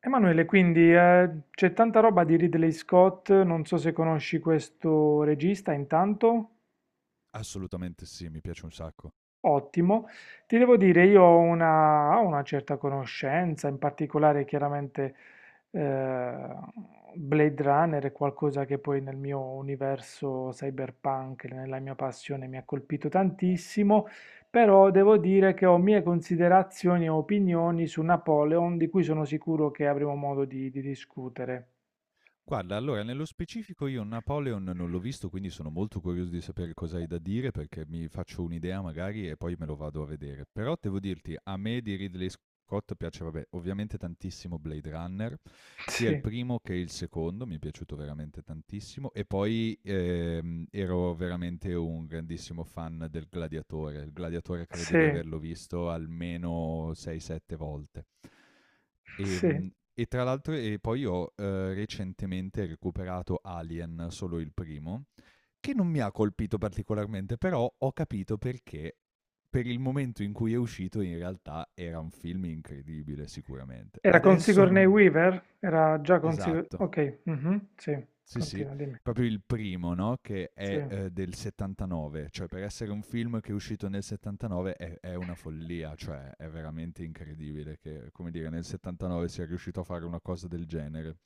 Emanuele, quindi c'è tanta roba di Ridley Scott, non so se conosci questo regista intanto. Assolutamente sì, mi piace un sacco. Ottimo. Ti devo dire, io ho una certa conoscenza, in particolare chiaramente eh, Blade Runner è qualcosa che poi nel mio universo cyberpunk, nella mia passione mi ha colpito tantissimo, però devo dire che ho mie considerazioni e opinioni su Napoleon di cui sono sicuro che avremo modo di discutere. Guarda, allora nello specifico io Napoleon non l'ho visto, quindi sono molto curioso di sapere cosa hai da dire, perché mi faccio un'idea magari e poi me lo vado a vedere. Però devo dirti, a me di Ridley Scott piace, vabbè, ovviamente tantissimo Blade Runner, sia il Sì. primo che il secondo, mi è piaciuto veramente tantissimo. E poi ero veramente un grandissimo fan del Gladiatore. Il Gladiatore credo Sì, di averlo visto almeno 6-7 volte. sì. Ehm, e tra l'altro e poi ho, recentemente recuperato Alien, solo il primo, che non mi ha colpito particolarmente, però ho capito perché per il momento in cui è uscito in realtà era un film incredibile sicuramente. Era con Adesso Sigourney non Weaver? Era già con Sigourney. esatto, Ok, mhm, sì, sì, sì, continua, dimmi. proprio il primo, no, che Sì. è, del '79, cioè per essere un film che è uscito nel '79 è una follia, cioè è veramente incredibile che, come dire, nel '79 sia riuscito a fare una cosa del genere.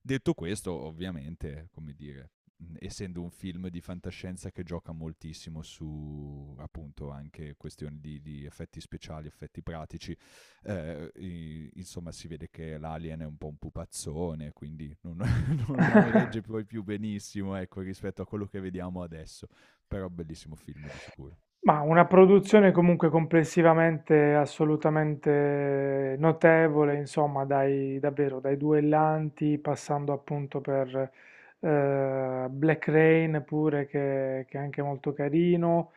Detto questo, ovviamente, come dire, essendo un film di fantascienza che gioca moltissimo su appunto anche questioni di effetti speciali, effetti pratici, insomma si vede che l'alien è un po' un pupazzone, quindi non, non regge poi più benissimo ecco, rispetto a quello che vediamo adesso, però bellissimo film di sicuro. Ma una produzione comunque complessivamente assolutamente notevole, insomma, dai, davvero, dai duellanti, passando appunto per Black Rain pure, che è anche molto carino.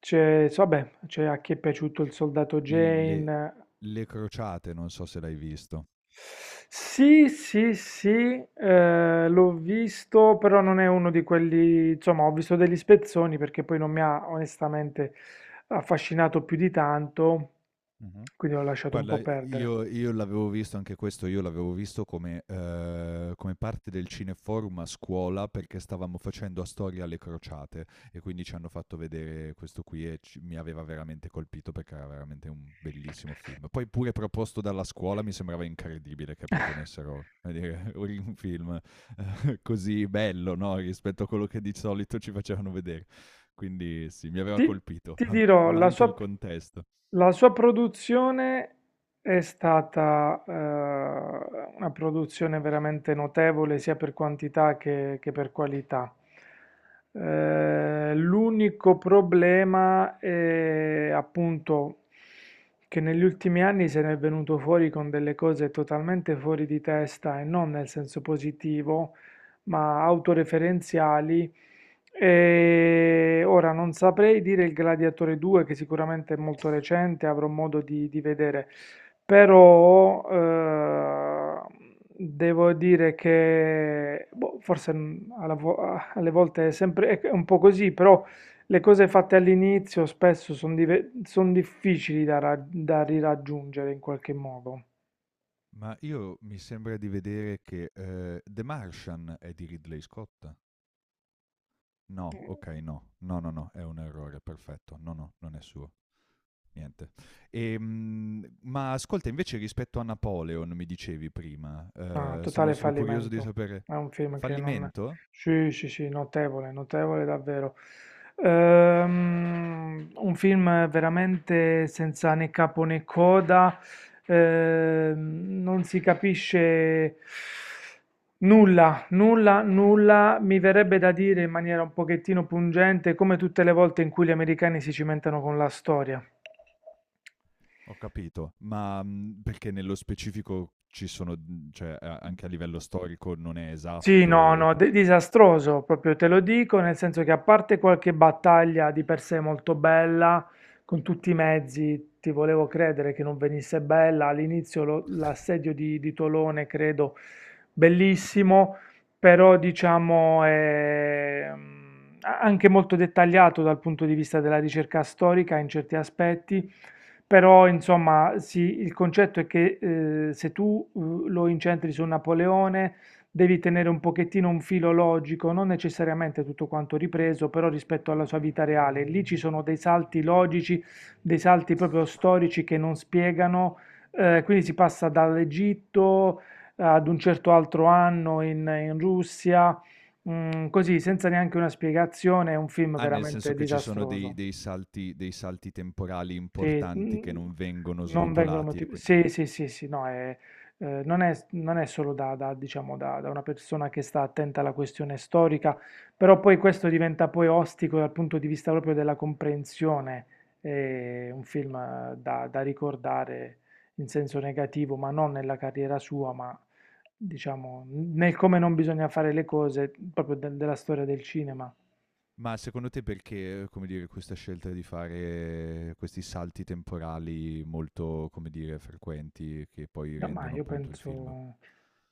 Vabbè, c'è a chi è piaciuto il soldato Le, Jane. le crociate, non so se l'hai visto. Sì, sì, sì, l'ho visto, però non è uno di quelli, insomma, ho visto degli spezzoni perché poi non mi ha onestamente affascinato più di tanto, Mm-hmm. quindi ho lasciato un po' Guarda, perdere. io l'avevo visto anche questo, io l'avevo visto come come parte del cineforum a scuola, perché stavamo facendo a storia alle crociate e quindi ci hanno fatto vedere questo qui e ci mi aveva veramente colpito, perché era veramente un bellissimo film. Poi pure proposto dalla scuola, mi sembrava incredibile che proponessero, come dire, un film così bello, no, rispetto a quello che di solito ci facevano vedere. Quindi sì, mi aveva Ti, colpito, ti ma dirò, la anche il sua contesto. La sua produzione è stata una produzione veramente notevole sia per quantità che per qualità. L'unico problema è appunto che negli ultimi anni se ne è venuto fuori con delle cose totalmente fuori di testa e non nel senso positivo, ma autoreferenziali. E ora non saprei dire il Gladiatore 2, che sicuramente è molto recente, avrò modo di vedere, però devo dire che boh, forse alle volte è sempre è un po' così, però le cose fatte all'inizio spesso sono difficili da, da riraggiungere in qualche modo. Ma io mi sembra di vedere che, The Martian è di Ridley Scott? No, okay, no. No, no, no, è un errore, perfetto. No, no, non è suo. Niente. Ma ascolta, invece rispetto a Napoleon mi dicevi prima, Ah, sono totale solo curioso di fallimento. sapere. È un film che non. Fallimento? Sì, sì, sì, notevole, notevole davvero. Un film veramente senza né capo né coda. Non si capisce nulla, nulla, nulla. Mi verrebbe da dire in maniera un pochettino pungente, come tutte le volte in cui gli americani si cimentano con la storia. Ho capito, ma, mhmm, perché nello specifico ci sono, mhmm, cioè a anche a livello storico non è Sì, esatto no, o no, co disastroso, proprio te lo dico, nel senso che a parte qualche battaglia di per sé molto bella, con tutti i mezzi, ti volevo credere che non venisse bella, all'inizio l'assedio di Tolone, credo, bellissimo, però diciamo è anche molto dettagliato dal punto di vista della ricerca storica in certi aspetti, però insomma sì, il concetto è che se tu lo incentri su Napoleone devi tenere un pochettino un filo logico, non necessariamente tutto quanto ripreso, però rispetto alla sua vita reale. Lì ci sono dei salti logici, dei salti proprio storici che non spiegano, quindi si passa dall'Egitto ad un certo altro anno in Russia, così senza neanche una spiegazione, è un film Ah, nel veramente senso che ci sono dei disastroso. dei salti temporali Sì, importanti che non vengono non vengono srotolati e motivati. quindi Sì, sì, sì, sì, no, non è, solo da, diciamo, da una persona che sta attenta alla questione storica, però poi questo diventa poi ostico dal punto di vista proprio della comprensione. È un film da ricordare in senso negativo, ma non nella carriera sua, ma diciamo nel come non bisogna fare le cose, proprio della storia del cinema. ma secondo te perché, come dire, questa scelta di fare questi salti temporali molto, come dire, frequenti che poi No, ma rendono io appunto il film? penso,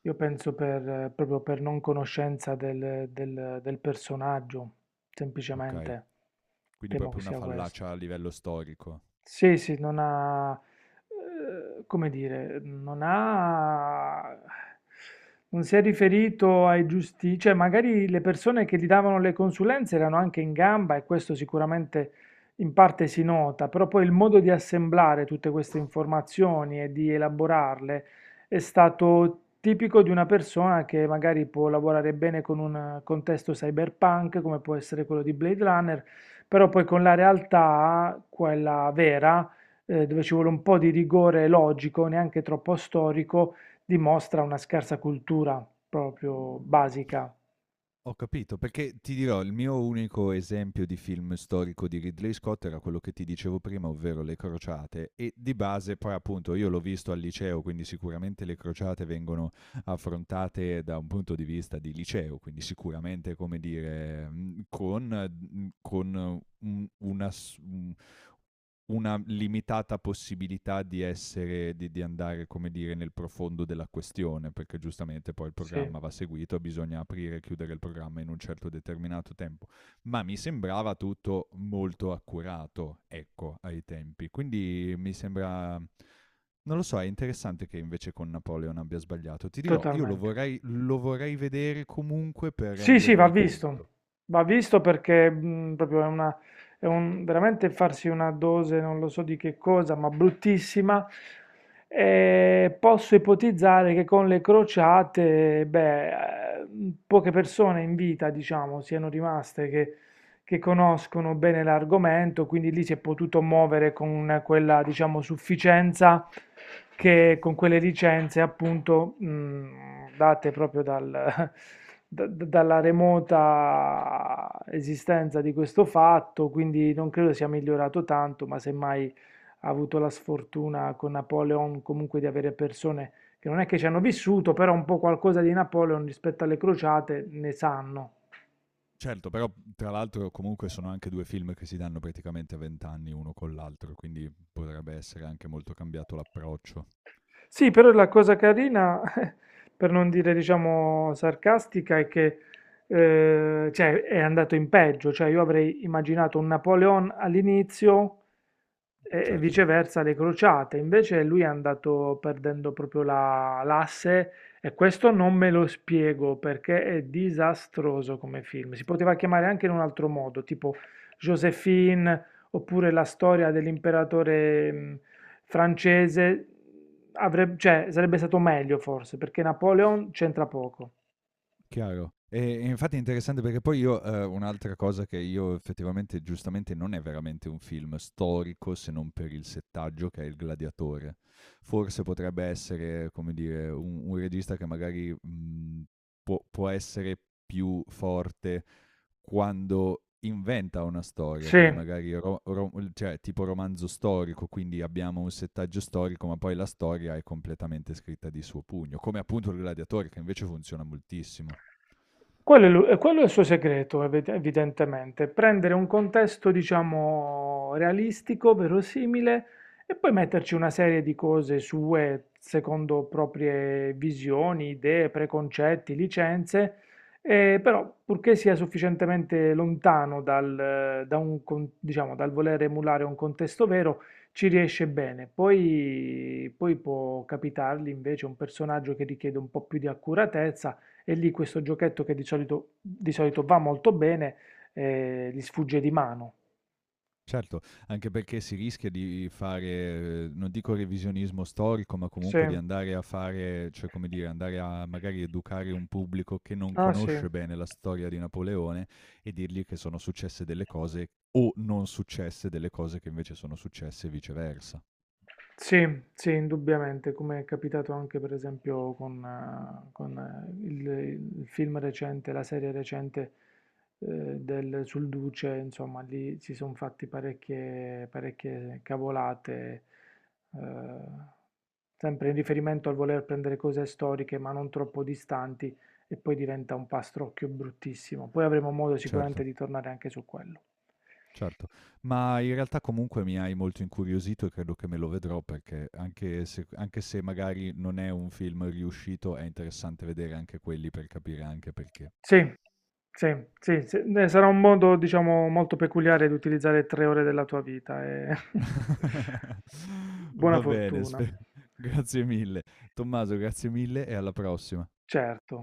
io penso proprio per non conoscenza del personaggio, Okay, semplicemente quindi temo che proprio una sia questo. fallacia a livello storico. Sì, sì, non ha, come dire, non ha non si è riferito ai giusti, cioè magari le persone che gli davano le consulenze erano anche in gamba e questo sicuramente in parte si nota, però poi il modo di assemblare tutte queste informazioni e di elaborarle è stato tipico di una persona che magari può lavorare bene con un contesto cyberpunk, come può essere quello di Blade Runner, però poi con la realtà, quella vera, dove ci vuole un po' di rigore logico, neanche troppo storico, dimostra una scarsa cultura proprio basica. Ho capito, perché ti dirò, il mio unico esempio di film storico di Ridley Scott era quello che ti dicevo prima, ovvero Le Crociate, e di base poi appunto io l'ho visto al liceo, quindi sicuramente Le Crociate vengono affrontate da un punto di vista di liceo, quindi sicuramente come dire, con, una limitata possibilità di essere, di andare, come dire, nel profondo della questione, perché giustamente poi il Sì, programma va seguito, bisogna aprire e chiudere il programma in un certo determinato tempo. Ma mi sembrava tutto molto accurato, ecco, ai tempi. Quindi mi sembra. Non lo so, è interessante che invece con Napoleon abbia sbagliato. Ti dirò, totalmente. Lo vorrei vedere comunque per Sì, sì, rendermi conto. va visto perché proprio è una, è un, veramente farsi una dose, non lo so di che cosa, ma bruttissima. E posso ipotizzare che con le crociate, beh, eh, poche persone in vita, diciamo, siano rimaste che conoscono bene l'argomento, quindi lì si è potuto muovere con quella, diciamo, sufficienza, Certo. che con quelle licenze appunto date proprio dalla remota esistenza di questo fatto, quindi non credo sia migliorato tanto, ma semmai ha avuto la sfortuna con Napoleon comunque di avere persone che non è che ci hanno vissuto, però un po' qualcosa di Napoleon rispetto alle crociate ne sanno. Certo, però tra l'altro comunque sono anche due film che si danno praticamente a 20 anni uno con l'altro, quindi potrebbe essere anche molto cambiato l'approccio, Sì, però la cosa carina, per non dire, diciamo, sarcastica, è che cioè, è andato in peggio. Cioè, io avrei immaginato un Napoleon all'inizio e, certo. viceversa le crociate. Invece lui è andato perdendo proprio l'asse, e questo non me lo spiego perché è disastroso come film. Si poteva chiamare anche in un altro modo, tipo Josephine oppure la storia dell'imperatore francese, avrebbe, cioè, sarebbe stato meglio forse, perché Napoleon c'entra poco. Chiaro. E infatti è interessante perché poi io, un'altra cosa che io effettivamente giustamente non è veramente un film storico, se non per il settaggio che è Il gladiatore. Forse potrebbe essere, come dire, un regista che magari, mhmm, può essere più forte quando inventa una storia, Sì, quindi magari ro ro l cioè tipo romanzo storico, quindi abbiamo un settaggio storico, ma poi la storia è completamente scritta di suo pugno, come appunto Il gladiatore che invece funziona moltissimo. quello è, e quello è il suo segreto, evidentemente, prendere un contesto, diciamo, realistico, verosimile, e poi metterci una serie di cose sue, secondo proprie visioni, idee, preconcetti, licenze, però purché sia sufficientemente lontano dal, da un diciamo, dal voler emulare un contesto vero, ci riesce bene. Poi, poi può capitargli invece un personaggio che richiede un po' più di accuratezza e lì questo giochetto che di solito va molto bene, gli sfugge di mano. Certo, anche perché si rischia di fare, non dico revisionismo storico, ma Sì, comunque di andare a fare cioè come dire, andare a magari educare un pubblico che non ah sì. conosce bene la storia di Napoleone e dirgli che sono successe delle cose o non successe delle cose che invece sono successe e viceversa. Sì, sì, indubbiamente, come è capitato anche per esempio con, il film recente, la serie recente sul Duce, insomma, lì si sono fatti parecchie, parecchie cavolate, eh, sempre in riferimento al voler prendere cose storiche ma non troppo distanti, e poi diventa un pastrocchio bruttissimo. Poi avremo modo sicuramente Certo. di tornare anche su quello. Certo, ma in realtà comunque mi hai molto incuriosito e credo che me lo vedrò, perché anche se magari non è un film riuscito, è interessante vedere anche quelli per capire anche perché. Sì, sì, sì, sì. Sarà un modo, diciamo, molto peculiare di utilizzare 3 ore della tua vita e buona Va bene, fortuna, grazie mille. Tommaso, grazie mille e alla prossima. certo.